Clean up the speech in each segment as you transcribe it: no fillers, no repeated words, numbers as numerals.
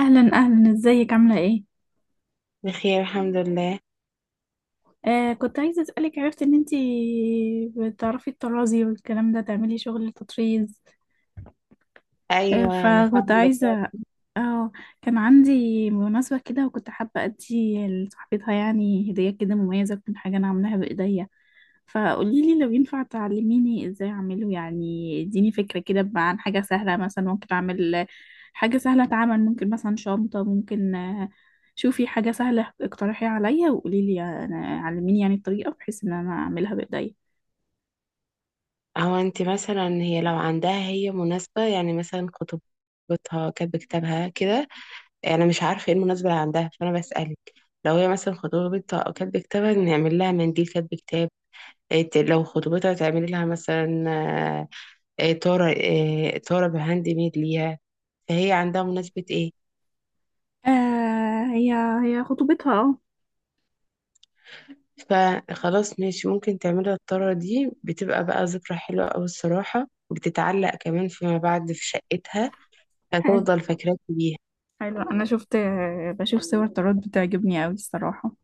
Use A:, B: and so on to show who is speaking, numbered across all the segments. A: اهلا اهلا، ازيك عامله ايه؟
B: بخير الحمد لله.
A: كنت عايزه اسالك، عرفت ان انتي بتعرفي الطرازي والكلام ده تعملي شغل التطريز.
B: ايوه انا
A: فكنت
B: فاهمه.
A: عايزه اه كان عندي مناسبة كده وكنت حابة أدي لصاحبتها، يعني هدية كده مميزة تكون حاجة أنا عاملاها بإيديا. فقوليلي لو ينفع تعلميني إزاي أعمله، يعني اديني فكرة كده بقى عن حاجة سهلة، مثلا ممكن أعمل حاجة سهلة أتعمل، ممكن مثلا شنطة، ممكن. شوفي حاجة سهلة اقترحيها عليا وقوليلي. علميني يعني الطريقة بحيث إن أنا أعملها بإيديا.
B: هو انت مثلا هي لو عندها مناسبه يعني مثلا خطوبتها كاتبه كتابها كده. انا مش عارفه ايه المناسبه اللي عندها فانا بسالك. لو هي مثلا خطوبتها او كاتبه كتابها نعمل لها منديل كاتب كتاب. لو خطوبتها تعمل لها مثلا، آه، إيه، طاره، طاره بهاند ميد ليها. فهي عندها مناسبه ايه؟
A: آه هي هي خطوبتها، اه.
B: فخلاص ماشي، ممكن تعملها الطرة دي، بتبقى بقى ذكرى حلوة أوي الصراحة، بتتعلق كمان فيما بعد في شقتها
A: حلو.
B: فتفضل فاكراك بيها.
A: حلو، أنا شفت بشوف صور طراد بتعجبني أوي الصراحة.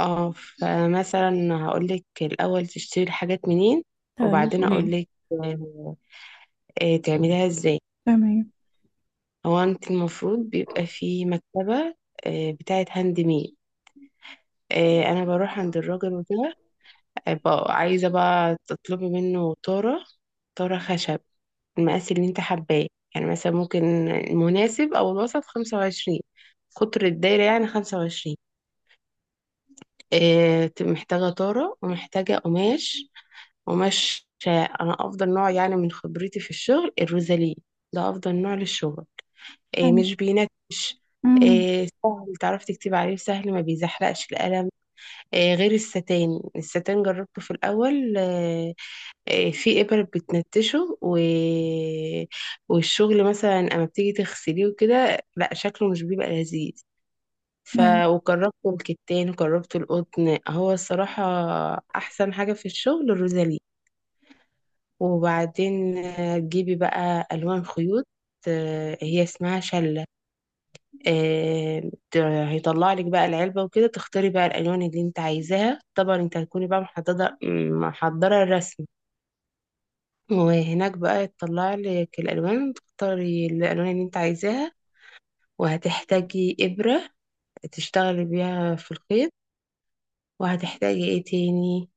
B: اه، فمثلا هقولك الأول تشتري الحاجات منين
A: طيب
B: وبعدين
A: قوليلي.
B: أقولك تعمليها ازاي.
A: تمام.
B: هو انت المفروض بيبقى في مكتبة بتاعة هاند ميد. انا بروح عند الراجل وكده. عايزة بقى تطلبي منه طارة، طارة خشب، المقاس اللي انت حباه. يعني مثلا ممكن المناسب او الوسط 25، قطر الدايرة يعني 25. اه، تبقى محتاجة طارة ومحتاجة قماش. قماش، انا افضل نوع يعني من خبرتي في الشغل الروزالين، ده افضل نوع للشغل. اه،
A: حلو.
B: مش بينكش،
A: امم.
B: اه سهل تعرف تكتب عليه، سهل ما بيزحلقش القلم. اه غير الستان، الستان جربته في الاول، في إبر بتنتشه، والشغل مثلا أما بتيجي تغسليه وكده لا شكله مش بيبقى لذيذ. ف
A: ايوه.
B: وجربته الكتان وجربته القطن، هو الصراحة أحسن حاجة في الشغل الروزالي. وبعدين تجيبي بقى ألوان خيوط، هي اسمها شلة. هيطلع لك بقى العلبة وكده تختاري بقى الألوان اللي انت عايزاها. طبعا انت هتكوني بقى محددة محضرة الرسمة، وهناك بقى تطلع لك الالوان تختاري الالوان اللي انت عايزاها. وهتحتاجي ابره تشتغلي بيها في الخيط. وهتحتاجي ايه تاني؟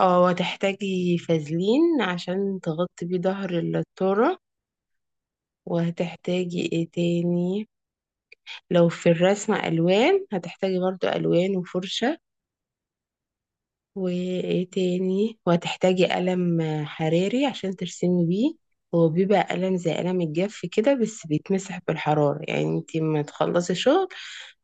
B: اه وهتحتاجي فازلين عشان تغطي بيه ظهر التورة. وهتحتاجي ايه تاني؟ لو في الرسمة الوان هتحتاجي برضو الوان وفرشة. وايه تاني؟ وهتحتاجي قلم حراري عشان ترسمي بيه. هو بيبقى قلم زي قلم الجاف كده، بس بيتمسح بالحرارة. يعني انتي ما تخلصي شغل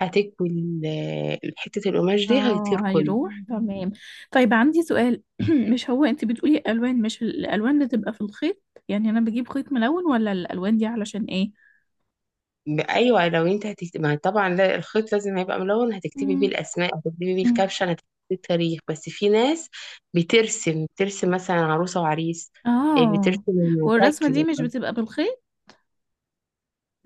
B: هتكوي حتة القماش دي هيطير
A: اه
B: كله.
A: هيروح، تمام. طيب عندي سؤال. مش هو انت بتقولي الوان، مش الالوان اللي تبقى في الخيط؟ يعني انا بجيب خيط ملون، ولا الالوان دي علشان ايه؟
B: ايوه لو انت هتكتب ما طبعا لا، الخيط لازم هيبقى ملون، هتكتبي بيه
A: مم.
B: الاسماء، هتكتبي بيه
A: مم.
B: الكابشن، هتكتبي بيه التاريخ. بس في ناس بترسم مثلا عروسه وعريس،
A: اه.
B: بترسم
A: والرسمة دي
B: شكل.
A: مش بتبقى بالخيط؟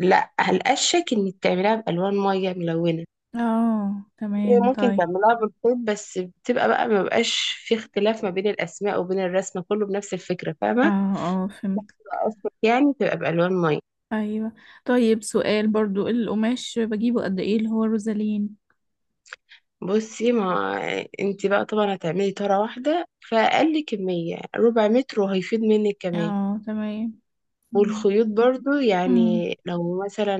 B: لا هلقشك انك تعمليها بالوان ميه ملونه.
A: اه تمام،
B: ممكن
A: طيب.
B: تعملها بالخيط بس بتبقى بقى ما بقاش، في اختلاف ما بين الاسماء وبين الرسمه، كله بنفس الفكره، فاهمه؟
A: اه اه، فهمت.
B: أصلك يعني تبقى بالوان ميه.
A: ايوه. طيب سؤال برضو، القماش بجيبه قد ايه اللي هو روزالين؟
B: بصي، ما انت بقى طبعا هتعملي طاره واحده، فاقل كميه ربع متر وهيفيض منك كمان.
A: اه تمام. تمام.
B: والخيوط برضو
A: مم.
B: يعني لو مثلا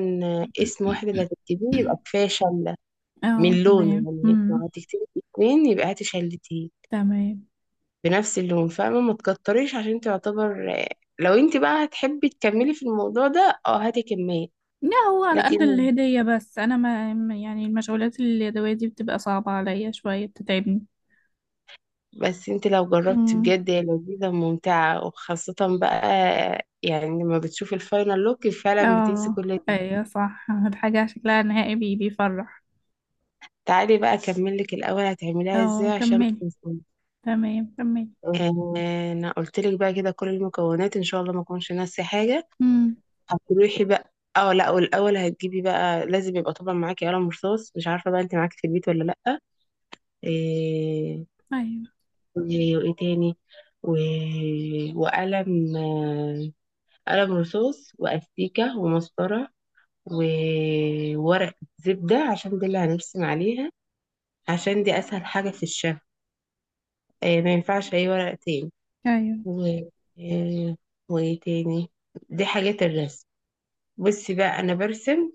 B: اسم واحد اللي هتكتبيه يبقى كفايه شله
A: اه
B: من لون.
A: تمام،
B: يعني لو
A: امم.
B: هتكتبي اتنين يبقى هاتي شلتين
A: تمام.
B: بنفس اللون، فاهمة؟ ما تكتريش عشان تعتبر. لو انت بقى هتحبي تكملي في الموضوع ده اه هاتي كمية.
A: لا هو على قد
B: لكن
A: الهدية، بس أنا يعني المشغولات اليدوية دي بتبقى صعبة عليا شوية، بتتعبني.
B: بس انت لو جربتي
A: امم.
B: بجد هي لذيذة وممتعة وخاصة بقى، يعني لما بتشوفي الفاينل لوك فعلا بتنسي
A: اه
B: كل ده.
A: أيوة صح، الحاجة شكلها نهائي بيفرح.
B: تعالي بقى اكملك الاول هتعمليها ازاي
A: اه
B: عشان ما
A: كملي.
B: تنسيش.
A: تمام كملي.
B: آه، انا قلت لك بقى كده كل المكونات، ان شاء الله ما اكونش ناسي حاجة.
A: امم،
B: هتروحي بقى اه، لا والاول هتجيبي بقى لازم يبقى طبعا معاكي قلم رصاص، مش عارفة بقى انت معاكي في البيت ولا لا. إيه
A: أيوة
B: وإيه تاني؟ و... وقلم قلم رصاص وأستيكة ومسطرة، وورق زبدة عشان دي اللي هنرسم عليها، عشان دي أسهل حاجة في الشهر. ما ينفعش أي ورق تاني.
A: أيوة.
B: و... إيه وإيه تاني؟ دي حاجات الرسم. بصي بقى أنا برسم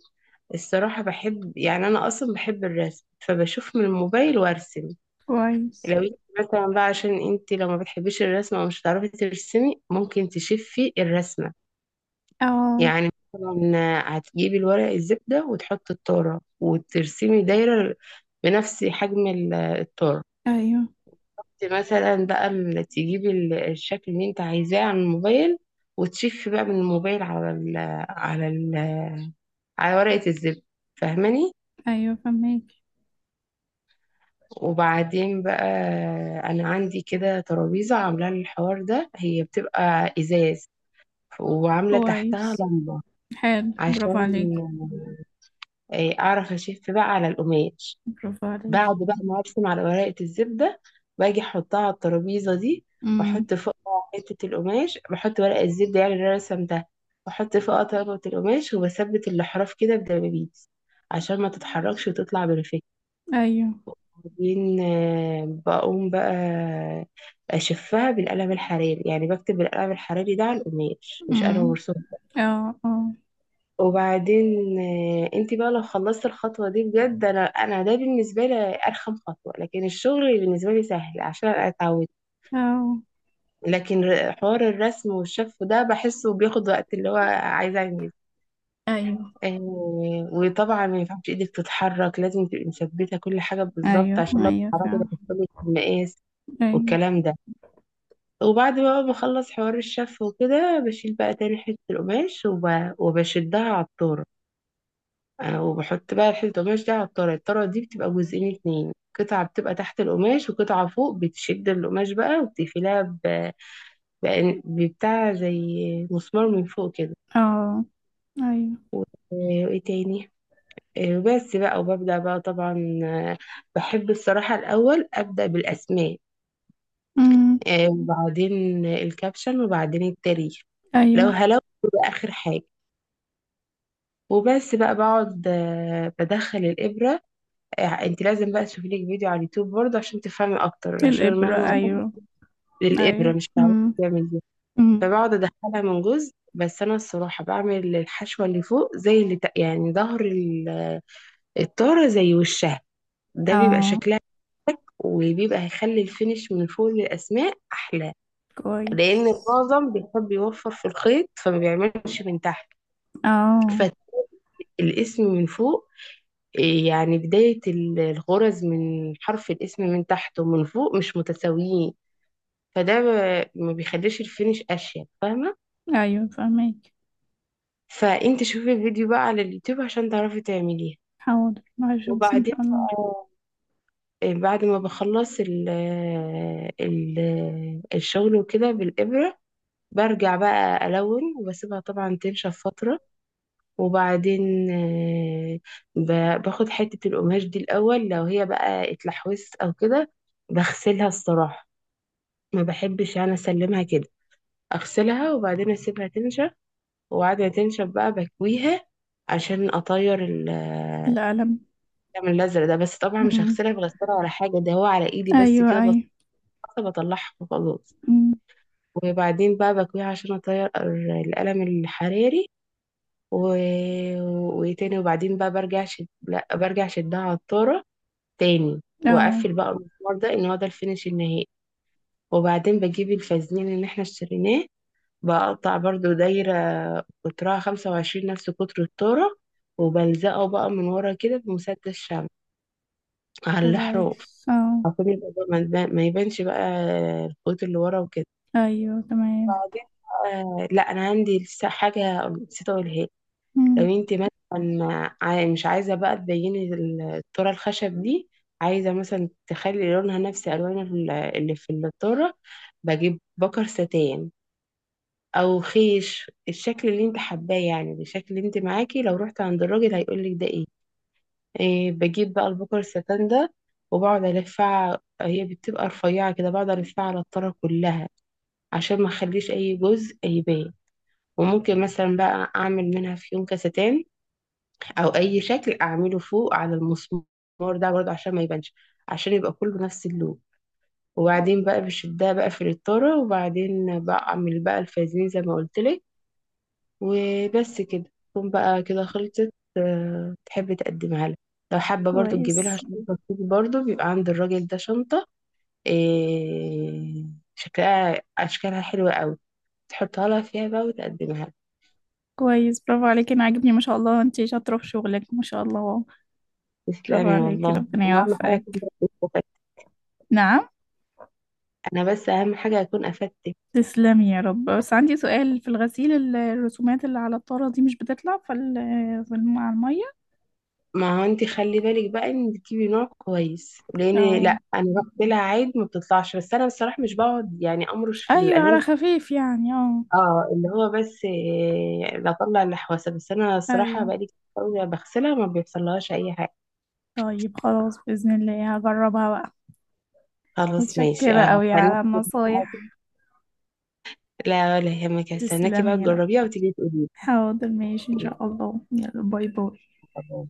B: الصراحة، بحب، يعني أنا أصلا بحب الرسم، فبشوف من الموبايل وأرسم.
A: كويس.
B: لو انت مثلا بقى، عشان انت لو ما بتحبيش الرسمة ومش هتعرفي ترسمي، ممكن تشفي الرسمة،
A: اه
B: يعني مثلا هتجيبي الورق الزبدة وتحطي التارة وترسمي دايرة بنفس حجم التارة.
A: أيوة
B: انت مثلا بقى تجيبي الشكل اللي انت عايزاه على الموبايل وتشفي بقى من الموبايل على ال على ال على ورقة الزبدة، فاهماني؟
A: أيوة، فهمك.
B: وبعدين بقى، انا عندي كده ترابيزة عاملة لي الحوار ده، هي بتبقى ازاز وعاملة تحتها
A: كويس.
B: لمبة
A: حلو،
B: عشان
A: برافو عليك.
B: أعرف أشف بقى على القماش.
A: برافو عليك.
B: بعد بقى ما أرسم على ورقة الزبدة باجي أحطها على الترابيزة دي
A: امم،
B: وأحط فوقها حتة القماش، بحط ورق الزبدة يعني اللي أنا رسمتها وأحط فوقها طبقة القماش وبثبت الأحراف كده بدبابيس عشان ما تتحركش وتطلع بالفكرة.
A: أيوة،
B: وبعدين بقوم بقى أشفها بالقلم الحراري، يعني بكتب بالقلم الحراري ده على القماش مش
A: امم.
B: قلم مرسوم.
A: اه اه
B: وبعدين انت بقى لو خلصت الخطوة دي بجد، انا ده بالنسبة لي ارخم خطوة، لكن الشغل بالنسبة لي سهل عشان انا اتعودت.
A: اه.
B: حوار الرسم والشف ده بحسه بياخد وقت، اللي هو عايزة انجز.
A: ايوه
B: آه، وطبعا ما ينفعش ايدك تتحرك، لازم تبقي مثبتة كل حاجة بالظبط،
A: ايوه
B: عشان لو
A: ايوه،
B: اتحركت
A: فعلا.
B: هتحصلك المقاس
A: ايوه.
B: والكلام ده. وبعد بقى ما بخلص حوار الشف وكده بشيل بقى تاني حتة القماش وبشدها على الطور. وبحط بقى الحلة القماش دي على الطرة. الطرة دي بتبقى جزئين اتنين، قطعة بتبقى تحت القماش وقطعة فوق بتشد القماش بقى وبتقفلها ببتاع زي مسمار من فوق كده.
A: اه ايوه.
B: آه، وايه تاني آه، وبس بقى، وببدأ بقى طبعا بحب الصراحة الأول أبدأ بالأسماء،
A: امم
B: وبعدين الكابشن وبعدين التاريخ. لو
A: ايوه.
B: هلو يبقى آخر حاجة. وبس بقى بقعد بدخل الإبرة. انت لازم بقى تشوفي لك فيديو على اليوتيوب برضه عشان تفهمي اكتر، عشان
A: الابره،
B: مهما تقول
A: ايوه.
B: الابره
A: ايوه،
B: مش هتعرفي
A: امم.
B: تعمل دي.
A: امم.
B: فبقعد ادخلها من جزء، بس انا الصراحه بعمل الحشوه اللي فوق زي يعني ظهر الطاره زي وشها، ده بيبقى
A: اه
B: شكلها. شك، وبيبقى هيخلي الفينش من فوق للاسماء احلى
A: كويس.
B: لان معظم بيحب يوفر في الخيط فما بيعملش من تحت.
A: اه
B: فالاسم من فوق، يعني بداية الغرز من حرف الاسم من تحت ومن فوق مش متساويين، ما بيخليش الفينش اشيك، فاهمه؟
A: ايوه، فهمك.
B: فانت شوفي الفيديو بقى على اليوتيوب عشان تعرفي تعمليها.
A: حاضر هشوف ان
B: وبعدين
A: شاء الله.
B: بقى بعد ما بخلص ال ال الشغل وكده بالإبرة، برجع بقى ألون وبسيبها طبعا تنشف فترة. وبعدين باخد حتة القماش دي الأول، لو هي بقى اتلحوست أو كده بغسلها الصراحة، ما بحبش أنا أسلمها كده، أغسلها وبعدين أسيبها تنشف. وقاعدة تنشف بقى بكويها عشان أطير
A: القلم.
B: الدم الأزرق ده، بس طبعا مش
A: امم
B: هغسلها في غسالة ولا حاجة، ده هو على إيدي بس
A: ايوه
B: كده
A: ايوه.
B: بسيطة، بطلعها وخلاص.
A: امم.
B: وبعدين بقى بكويها عشان أطير القلم الحراري. و... وتاني وبعدين بقى برجع شد... لا برجع شدها عطارة تاني،
A: اه
B: وأقفل بقى المسمار ده، إن هو ده الفينش النهائي. وبعدين بجيب الفازلين اللي احنا اشتريناه، بقطع برضو دايرة قطرها 25 نفس قطر الذرة، وبلزقه بقى من ورا كده بمسدس شمع على الحروف
A: كويس. اه
B: عشان يبقى بقى ما يبانش بقى الخيوط اللي ورا وكده.
A: ايوه تمام،
B: بعدين لا انا عندي لسه حاجة نسيت اقولها لك. لو
A: امم.
B: انت مثلا مش عايزة بقى تبيني الذرة الخشب دي، عايزة مثلا تخلي لونها نفس الوان اللي في الذرة، بجيب بكر ستان او خيش، الشكل اللي انت حباه، يعني الشكل اللي انت معاكي لو رحت عند الراجل هيقولك ده ايه, بجيب بقى البكر الستان ده وبقعد الفها، هي بتبقى رفيعة كده، بقعد الفها على الطرة كلها عشان ما اخليش اي جزء يبان. وممكن مثلا بقى اعمل منها فيون كستان او اي شكل اعمله فوق على المسمار، ده برضه عشان ما يبانش، عشان يبقى كله نفس اللون. وبعدين بقى بشدها بقى في الطارة، وبعدين بعمل بقى الفازين زي ما قلت لك، وبس كده تكون بقى كده خلصت. تحب تقدمها لها، لو حابة برضو تجيبي لها
A: كويس.
B: شنطة، كتير برضو بيبقى عند الراجل ده شنطة. إيه شكلها أشكالها حلوة قوي، تحطها لها فيها بقى وتقدمها لها.
A: كويس، برافو عليكي، انا عاجبني، ما شاء الله، انتي شاطره في شغلك، ما شاء الله. برافو
B: تسلمي
A: عليكي،
B: والله،
A: ربنا
B: وأهم حاجة
A: يوفقك.
B: أكون بس استفدت.
A: نعم.
B: أنا بس أهم حاجة أكون أفدتك.
A: تسلمي يا رب. بس عندي سؤال في الغسيل، الرسومات اللي على الطارة دي مش بتطلع على المية؟
B: ما هو أنت خلي بالك بقى إن تجيبي نوع كويس، لأن
A: اه
B: لأ أنا رحت لها عيد ما بتطلعش، بس أنا بصراحة مش بقعد يعني أمرش في
A: ايوه، على
B: الألوان.
A: خفيف يعني، اه.
B: اه، اللي هو بس بطلع الحواسة، بس انا الصراحة
A: ايوه.
B: بقالي كتير قوي بغسلها ما بيحصلهاش اي حاجة.
A: طيب خلاص، بإذن الله هجربها بقى.
B: خلاص ماشي،
A: متشكرة قوي على
B: هستناكي.
A: النصايح.
B: لا ولا يهمك، هستناكي بقى
A: تسلمي يا رب.
B: تجربيها وتيجي تقولي
A: حاضر ماشي، ان شاء الله، يلا باي باي.
B: لي